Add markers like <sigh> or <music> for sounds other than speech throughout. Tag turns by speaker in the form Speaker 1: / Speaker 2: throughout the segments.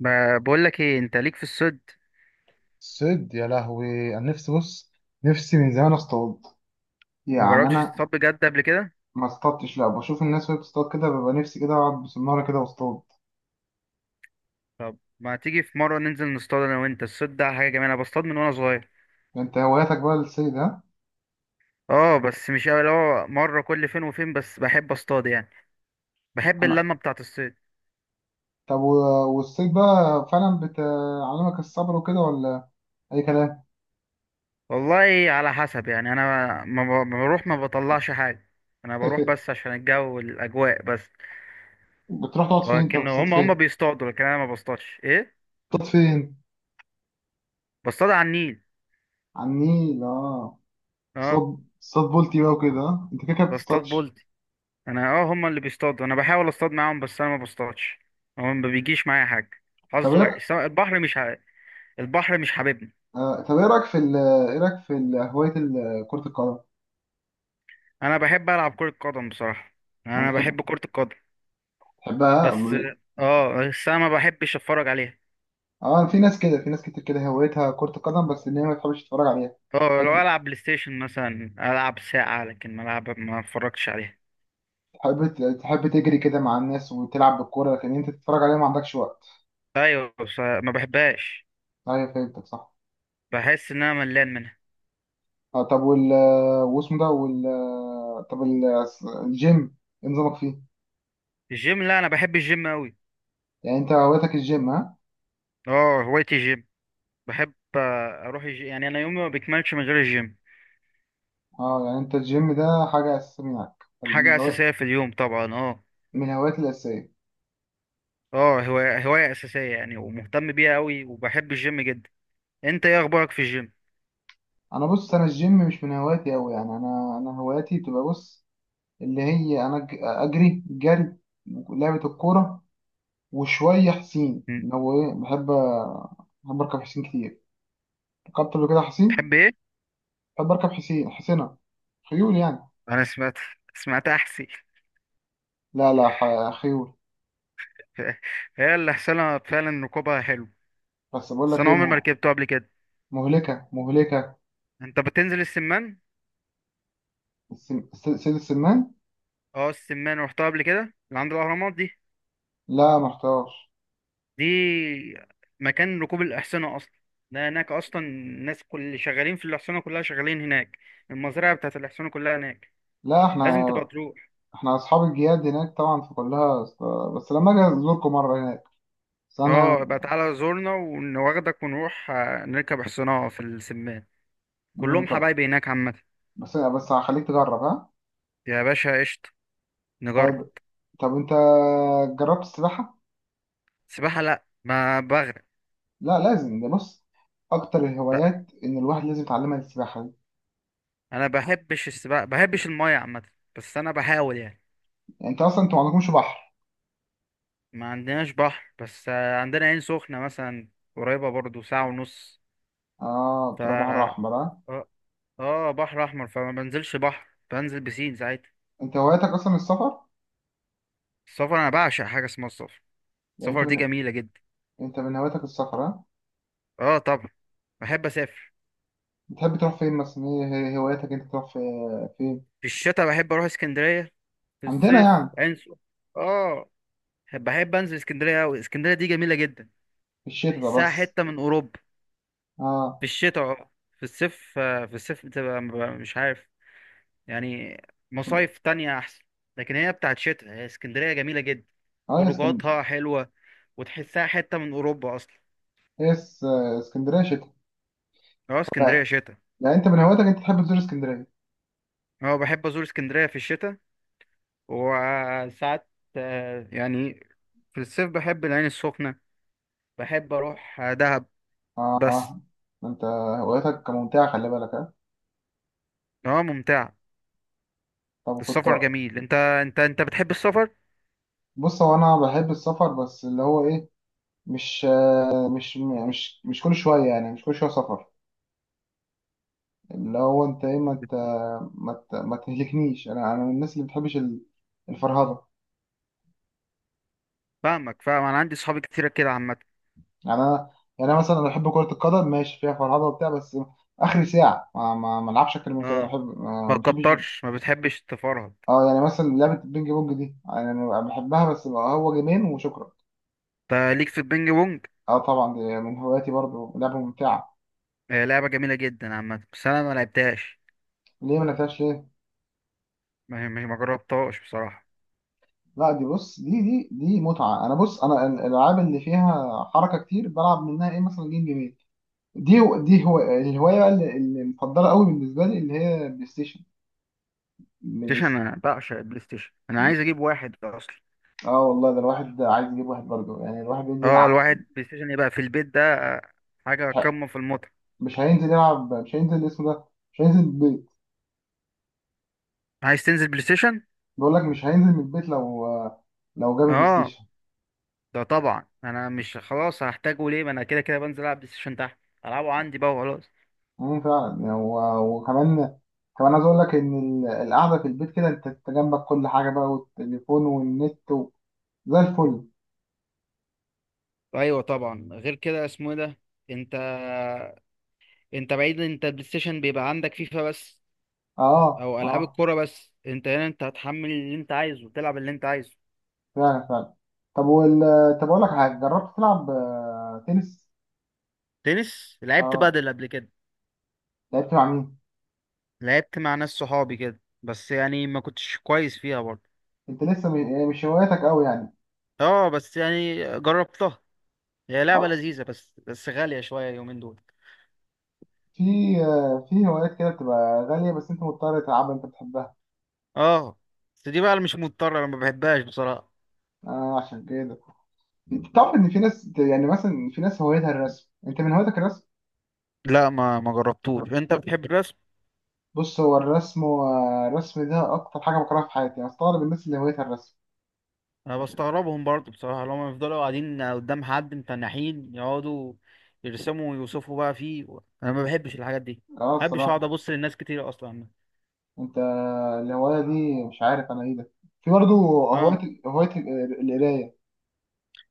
Speaker 1: ما بقول لك ايه؟ انت ليك في الصيد؟
Speaker 2: صيد يا لهوي، انا نفسي، بص، نفسي من زمان اصطاد
Speaker 1: ما
Speaker 2: يعني
Speaker 1: جربتش
Speaker 2: انا.
Speaker 1: تصطاد بجد قبل كده؟
Speaker 2: ما اصطادتش، لا بشوف الناس وهي بتصطاد كده ببقى نفسي كده اقعد بسناره كده واصطاد.
Speaker 1: طب ما تيجي في مره ننزل نصطاد انا وانت؟ الصيد ده حاجه جميله، انا بصطاد من وانا صغير.
Speaker 2: انت هواياتك بقى الصيد، ها؟
Speaker 1: اه، بس مش قوي، اللي هو مره كل فين وفين، بس بحب اصطاد يعني. بحب
Speaker 2: انا.
Speaker 1: اللمه بتاعه الصيد.
Speaker 2: طب والصيد بقى فعلا بتعلمك الصبر وكده، ولا اي كلام؟
Speaker 1: والله على حسب يعني، انا ما بروح ما بطلعش حاجه. انا بروح بس
Speaker 2: <laughs>
Speaker 1: عشان الجو والاجواء بس.
Speaker 2: بتروح تقعد فين؟ انت
Speaker 1: لكن
Speaker 2: بتصطاد
Speaker 1: هم
Speaker 2: فين؟
Speaker 1: بيصطادوا، لكن انا ما بصطادش، ايه.
Speaker 2: بتصطاد فين؟
Speaker 1: بصطاد على النيل.
Speaker 2: على النيل، اه.
Speaker 1: اه.
Speaker 2: صاد بولتي بقى وكده، ها؟ انت كده كده
Speaker 1: بصطاد
Speaker 2: بتصطادش.
Speaker 1: بولت. انا، هما اللي بيصطادوا، انا بحاول اصطاد معاهم، بس انا ما بصطادش. هو ما بيجيش معايا حاجه.
Speaker 2: طب
Speaker 1: حظ
Speaker 2: ايه؟
Speaker 1: وحش، سواء. البحر مش حاببني.
Speaker 2: طب ايه رايك في ايه رايك في هوايه كره القدم؟
Speaker 1: انا بحب العب كره قدم بصراحه.
Speaker 2: يعني
Speaker 1: انا
Speaker 2: بتحب؟
Speaker 1: بحب كره القدم.
Speaker 2: بحبها.
Speaker 1: بس. اه، بس انا ما بحبش اتفرج عليها.
Speaker 2: اه، في ناس كده، في ناس كتير كده هوايتها كرة القدم، بس ان هي ما تحبش تتفرج عليها.
Speaker 1: اه، لو
Speaker 2: تحب.
Speaker 1: العب بلاي ستيشن مثلا العب ساعه، لكن ما العب ما اتفرجش عليها.
Speaker 2: تحب تجري كده مع الناس وتلعب بالكورة، لكن انت تتفرج عليها ما عندكش وقت.
Speaker 1: ايوه، بس ما بحبهاش.
Speaker 2: ايوه، فهمتك صح.
Speaker 1: بحس ان انا ملان منها.
Speaker 2: آه، طب واسمه ده طب الجيم، ايه نظامك فيه؟
Speaker 1: الجيم؟ لا انا بحب الجيم قوي.
Speaker 2: يعني انت هوايتك الجيم، ها؟
Speaker 1: اه، هوايتي الجيم. بحب اروح الجيم، يعني انا يومي ما بيكملش من غير الجيم.
Speaker 2: اه، يعني انت الجيم ده حاجة اساسية معاك،
Speaker 1: حاجة
Speaker 2: من هوايات.
Speaker 1: أساسية في اليوم طبعا، اه.
Speaker 2: من هواياتي الأساسية.
Speaker 1: اه، هواية أساسية يعني، ومهتم بيها أوي، وبحب الجيم جدا. أنت إيه أخبارك في الجيم؟
Speaker 2: انا بص، انا الجيم مش من هواياتي أوي، يعني انا هواياتي بتبقى، بص، اللي هي انا اجري جري، لعبه الكوره، وشويه حسين،
Speaker 1: م.
Speaker 2: اللي هو ايه، بحب. بحب اركب حسين كتير. ركبت قبل كده حسين.
Speaker 1: تحب إيه؟
Speaker 2: بحب اركب حسين حسينة، خيول يعني.
Speaker 1: أنا سمعت أحسي.
Speaker 2: لا لا، خيول.
Speaker 1: <laughs> هي اللي حصلها فعلا، ركوبها حلو.
Speaker 2: بس بقول
Speaker 1: بس
Speaker 2: لك
Speaker 1: أنا
Speaker 2: ايه،
Speaker 1: عمري ما ركبته قبل كده.
Speaker 2: مهلكه مهلكه.
Speaker 1: أنت بتنزل السمان؟
Speaker 2: سيد السمان.
Speaker 1: اه، السمان روحتها قبل كده. اللي عند الأهرامات دي.
Speaker 2: لا محتاج.
Speaker 1: دي مكان ركوب الأحصنة أصلا. ده هناك أصلا، الناس كل اللي شغالين في الأحصنة كلها شغالين هناك. المزرعة بتاعت الأحصنة كلها هناك.
Speaker 2: لا
Speaker 1: لازم
Speaker 2: احنا.
Speaker 1: تبقى تروح.
Speaker 2: احنا اصحاب الجياد هناك طبعا، فكلها بس لما اجي ازوركم مره هناك. بس انا.
Speaker 1: اه بقى، تعالى زورنا ونواخدك ونروح نركب حصانة في السمان. كلهم
Speaker 2: طب.
Speaker 1: حبايبي هناك عامة.
Speaker 2: بس هخليك تجرب، ها؟
Speaker 1: يا باشا قشطة. نجرب.
Speaker 2: طيب. طب انت جربت السباحه؟
Speaker 1: سباحة؟ لا ما بغرق.
Speaker 2: لا لازم، ده بص، اكتر
Speaker 1: لا،
Speaker 2: الهوايات ان الواحد لازم يتعلمها السباحه دي.
Speaker 1: انا بحبش السباحة، بحبش المية عامة. بس انا بحاول يعني.
Speaker 2: يعني انت اصلا، انت ما عندكمش بحر.
Speaker 1: ما عندناش بحر، بس عندنا عين سخنة مثلا. قريبة برضو ساعة ونص.
Speaker 2: اه،
Speaker 1: ف
Speaker 2: بتروح بحر
Speaker 1: اه
Speaker 2: احمر، اه.
Speaker 1: بحر احمر، فما بنزلش بحر، بنزل بسين ساعتها.
Speaker 2: انت هوايتك اصلا السفر؟
Speaker 1: السفر، انا بعشق حاجة اسمها السفر.
Speaker 2: يعني
Speaker 1: السفر دي جميلة جدا.
Speaker 2: انت من هواياتك السفر، اه.
Speaker 1: اه طبعا. بحب اسافر.
Speaker 2: بتحب تروح فين مثلا؟ إيه هواياتك؟ انت تروح في فين؟
Speaker 1: في الشتاء بحب اروح اسكندريه. في
Speaker 2: عندنا
Speaker 1: الصيف
Speaker 2: يعني.
Speaker 1: اه، بحب انزل اسكندريه قوي، اسكندريه دي جميله جدا.
Speaker 2: في الشتاء ده
Speaker 1: بحسها
Speaker 2: بس؟
Speaker 1: حته من اوروبا. في
Speaker 2: اه،
Speaker 1: الشتاء اه. في الصيف ببقى مش عارف. يعني مصايف تانية احسن. لكن هي بتاعت شتاء، هي اسكندريه جميله جدا.
Speaker 2: اه، يا اسكن.
Speaker 1: خروجاتها حلوه. وتحسها حته من اوروبا اصلا.
Speaker 2: هي اس- اسكندريه شتاء؟
Speaker 1: اه،
Speaker 2: لا.
Speaker 1: اسكندريه شتاء.
Speaker 2: يعني انت من هواياتك انت تحب تزور اسكندريه؟
Speaker 1: اه بحب ازور اسكندريه في الشتاء. وساعات يعني في الصيف بحب العين السخنه. بحب اروح دهب.
Speaker 2: اه،
Speaker 1: بس.
Speaker 2: اه، ما انت هواياتك ممتعه، خلي بالك، اه.
Speaker 1: اه، ممتع.
Speaker 2: طب كنت.
Speaker 1: السفر جميل، انت بتحب السفر؟
Speaker 2: بص، هو انا بحب السفر، بس اللي هو ايه. مش. مش يعني، مش كل شويه، يعني مش كل شويه سفر. اللي هو انت ايه، ما تهلكنيش، انا من الناس اللي بتحبش الفرهده.
Speaker 1: فاهمك، فاهم، انا عندي صحابي كتير كده عامه.
Speaker 2: يعني انا. يعني انا مثلا، انا بحب كره القدم، ماشي فيها فرهده وبتاع، بس اخر ساعه ما العبش اكتر من كده، انا
Speaker 1: اه،
Speaker 2: بحب، ما
Speaker 1: ما
Speaker 2: ما بحبش.
Speaker 1: كترش، ما بتحبش تفرهد.
Speaker 2: اه، يعني مثلا لعبه البينج بونج دي، يعني انا بحبها، بس بقى هو جيمين وشكرا.
Speaker 1: انت ليك في البينج بونج؟
Speaker 2: اه طبعا، دي من هواياتي برضو، لعبه ممتعه.
Speaker 1: آه، لعبه جميله جدا عامه، بس انا ما لعبتهاش.
Speaker 2: ليه ما لعبتهاش؟ ليه؟
Speaker 1: ما جربتهاش بصراحه.
Speaker 2: لا، دي بص، دي متعه. انا بص، انا الالعاب اللي فيها حركه كتير بلعب منها، ايه مثلا، جيم جيمين. دي. دي هو الهوايه بقى اللي مفضله قوي بالنسبه لي، اللي هي بلاي ستيشن.
Speaker 1: بلاي
Speaker 2: بلاي
Speaker 1: ستيشن،
Speaker 2: ست-
Speaker 1: انا بعشق البلاي ستيشن، انا عايز اجيب واحد اصلا.
Speaker 2: اه والله، ده الواحد عايز يجيب واحد برضه، يعني الواحد بينزل
Speaker 1: اه،
Speaker 2: يلعب،
Speaker 1: الواحد بلاي ستيشن يبقى في البيت ده حاجه قمه في المتعه.
Speaker 2: مش هينزل يلعب، مش هينزل اسمه ده، مش هينزل البيت.
Speaker 1: عايز تنزل بلاي ستيشن؟
Speaker 2: بقول لك، مش هينزل من البيت لو، لو جاب البلاي
Speaker 1: اه.
Speaker 2: ستيشن.
Speaker 1: ده طبعا انا مش خلاص هحتاجه، ليه؟ ما انا كده كده بنزل العب بلاي ستيشن تحت. العبه عندي بقى وخلاص.
Speaker 2: فعلا يعني، وكمان، كمان عايز اقول لك ان القعده في البيت كده، أنت جنبك كل حاجه بقى، والتليفون والنت زي الفل.
Speaker 1: ايوه طبعا، غير كده اسمه ايه ده. انت. انت بعيد، انت بلاي ستيشن بيبقى عندك فيفا بس.
Speaker 2: اه
Speaker 1: او العاب
Speaker 2: اه،
Speaker 1: الكوره بس، انت هنا انت هتحمل اللي انت عايزه وتلعب اللي انت عايزه.
Speaker 2: فعلا فعلا. طب طب اقول لك حاجه، جربت تلعب تنس؟
Speaker 1: تنس؟ لعبت
Speaker 2: اه،
Speaker 1: بادل قبل كده.
Speaker 2: لعبت مع مين؟
Speaker 1: لعبت مع ناس صحابي كده، بس يعني ما كنتش كويس فيها برضه.
Speaker 2: انت لسه يعني، مش هواياتك قوي يعني.
Speaker 1: اه، بس يعني جربتها. هي لعبه
Speaker 2: اه،
Speaker 1: لذيذه، بس غاليه شويه اليومين دول.
Speaker 2: في في هوايات كده بتبقى غالية، بس انت مضطر تلعبها، انت بتحبها.
Speaker 1: اه، بس دي بقى اللي مش مضطره، انا ما بحبهاش بصراحه.
Speaker 2: آه، عشان كده. تعرف ان في ناس، يعني مثلا في ناس هوايتها الرسم، انت من هوايتك الرسم؟
Speaker 1: لا ما جربتوش، انت بتحب؟
Speaker 2: بص، هو الرسم، والرسم ده اكتر حاجة بكرهها في حياتي، انا استغرب الناس اللي هوايتها الرسم.
Speaker 1: انا بستغربهم برضو بصراحه، لما يفضلوا قاعدين قدام حد متنحين يقعدوا يرسموا ويوصفوا بقى فيه. انا ما بحبش الحاجات دي.
Speaker 2: اه،
Speaker 1: ما بحبش اقعد
Speaker 2: الصراحة.
Speaker 1: ابص للناس كتير اصلا.
Speaker 2: انت، الهواية دي مش عارف انا ايه ده. في برضه
Speaker 1: اه.
Speaker 2: هواية القراية.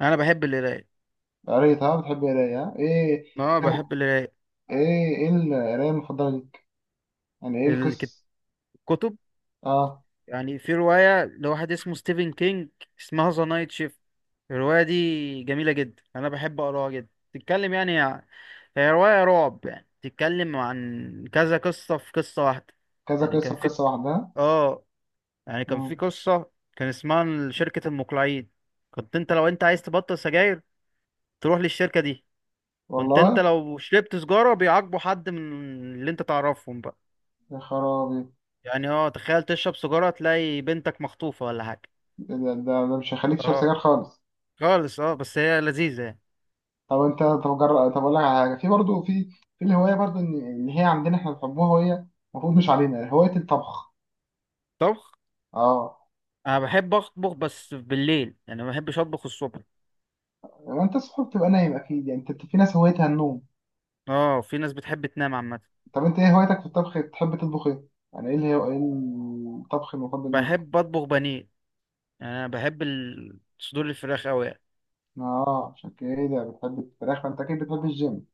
Speaker 1: انا بحب القرايه.
Speaker 2: قريت، ها؟ بتحب القراية، ها؟ ايه؟
Speaker 1: اه، بحب
Speaker 2: ايه،
Speaker 1: القرايه.
Speaker 2: إيه القراية المفضلة؟ يعني ايه
Speaker 1: الكت-
Speaker 2: القصة؟
Speaker 1: الكتب.
Speaker 2: اه،
Speaker 1: يعني في روايه لواحد اسمه ستيفن كينج. اسمها ذا نايت شيفت. الروايه دي جميله جدا، انا بحب اقراها جدا، تتكلم يعني. هي روايه رعب، يعني تتكلم عن كذا قصه في قصه واحده.
Speaker 2: كذا
Speaker 1: يعني
Speaker 2: قصة
Speaker 1: كان
Speaker 2: في
Speaker 1: في.
Speaker 2: قصة لوحدها.
Speaker 1: اه. يعني كان في
Speaker 2: مم.
Speaker 1: قصة كان اسمها شركة المقلعين. كنت انت لو انت عايز تبطل سجاير، تروح للشركة دي. كنت انت
Speaker 2: والله.
Speaker 1: لو شربت سجارة بيعاقبوا حد من اللي انت تعرفهم بقى.
Speaker 2: يا خرابي.
Speaker 1: يعني تخيل، تشرب سجارة تلاقي بنتك مخطوفة ولا حاجة.
Speaker 2: إيه ده, مش هيخليك تشرب
Speaker 1: اه.
Speaker 2: سجاير خالص.
Speaker 1: خالص اه، بس هي لذيذة يعني.
Speaker 2: طب انت، طب جرب، طب اقول لك على حاجة، في برضه في، في الهواية برضه، إن هي عندنا احنا بنحبوها، وهي المفروض مش علينا، هواية الطبخ.
Speaker 1: طبخ.
Speaker 2: اه.
Speaker 1: انا بحب اطبخ بس بالليل، يعني ما بحبش اطبخ الصبح.
Speaker 2: ما انت الصبح بتبقى نايم اكيد، يعني انت، في ناس هوايتها النوم.
Speaker 1: اه، في ناس بتحب تنام عامة.
Speaker 2: طب انت ايه هوايتك في الطبخ؟ بتحب تطبخ ايه؟ يعني ايه ايه الطبخ المفضل ليك؟
Speaker 1: بحب اطبخ بانيه. يعني انا بحب صدور الفراخ اوي يعني.
Speaker 2: اه، عشان كده بتحب الفراخ، فانت اكيد بتحب الجيم.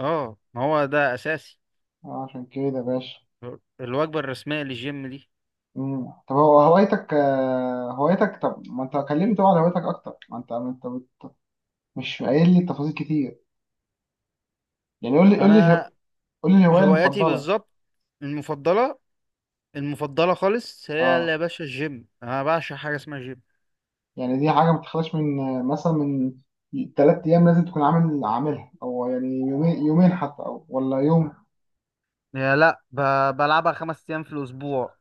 Speaker 1: اه، ما هو ده اساسي.
Speaker 2: اه، عشان كده يا باشا.
Speaker 1: الوجبة الرسمية للجيم دي.
Speaker 2: مم. طب هو هوايتك هوايتك، طب ما انت كلمني طبعا عن هوايتك اكتر، ما انت مش قايل لي تفاصيل كتير. يعني قول لي
Speaker 1: أنا،
Speaker 2: قول لي الهوايه
Speaker 1: هواياتي
Speaker 2: المفضله.
Speaker 1: بالظبط. المفضلة. المفضلة خالص، هي اللي يا
Speaker 2: اه،
Speaker 1: باشا الجيم، أنا بعشق حاجة اسمها جيم.
Speaker 2: يعني دي حاجه ما بتخلاش من مثلا من ثلاث ايام، لازم تكون عاملها، او يعني يومين، يومين حتى، او ولا يوم.
Speaker 1: يا لا ب... بلعبها 5 أيام في الأسبوع.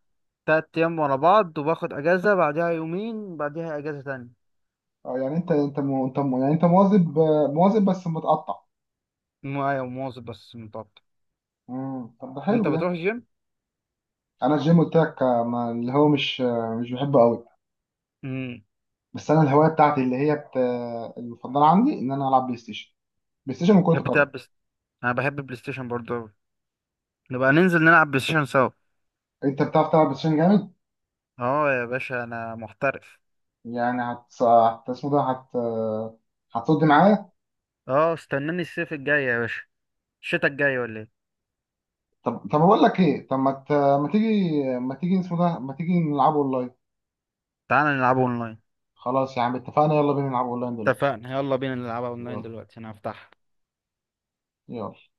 Speaker 1: 3 أيام ورا بعض وباخد أجازة بعدها يومين بعدها أجازة تانية.
Speaker 2: آه، يعني انت يعني انت مواظب مواظب بس متقطع.
Speaker 1: معايا ومواظب بس متقطع.
Speaker 2: مم. طب ده
Speaker 1: أنت
Speaker 2: حلو ده.
Speaker 1: بتروح الجيم؟
Speaker 2: انا الجيم قلت لك ما اللي هو مش بحبه قوي.
Speaker 1: امم.
Speaker 2: بس انا الهوايه بتاعتي اللي هي بت... آه، المفضله عندي ان انا العب بلاي ستيشن، بلاي ستيشن وكرة
Speaker 1: تحب
Speaker 2: القدم.
Speaker 1: تلعب بس. أنا بحب بلاي ستيشن برضه أوي. نبقى ننزل نلعب بلاي ستيشن سوا.
Speaker 2: انت بتعرف تلعب بلاي ستيشن جامد؟
Speaker 1: اه يا باشا، أنا محترف.
Speaker 2: يعني اسمه ده، هتصد معايا.
Speaker 1: اه، استناني الصيف الجاي يا باشا. الشتا الجاي ولا ايه؟
Speaker 2: طب اقول لك ايه؟ طب ما تيجي اسمه ده، ما تيجي نلعب اونلاين؟
Speaker 1: تعال نلعبه اونلاين.
Speaker 2: خلاص يا عم، اتفقنا، يلا بينا نلعب اونلاين دلوقتي.
Speaker 1: اتفقنا. يا الله بنا نلعبه اونلاين
Speaker 2: يلا.
Speaker 1: دلوقتي. انا افتحه.
Speaker 2: يلا.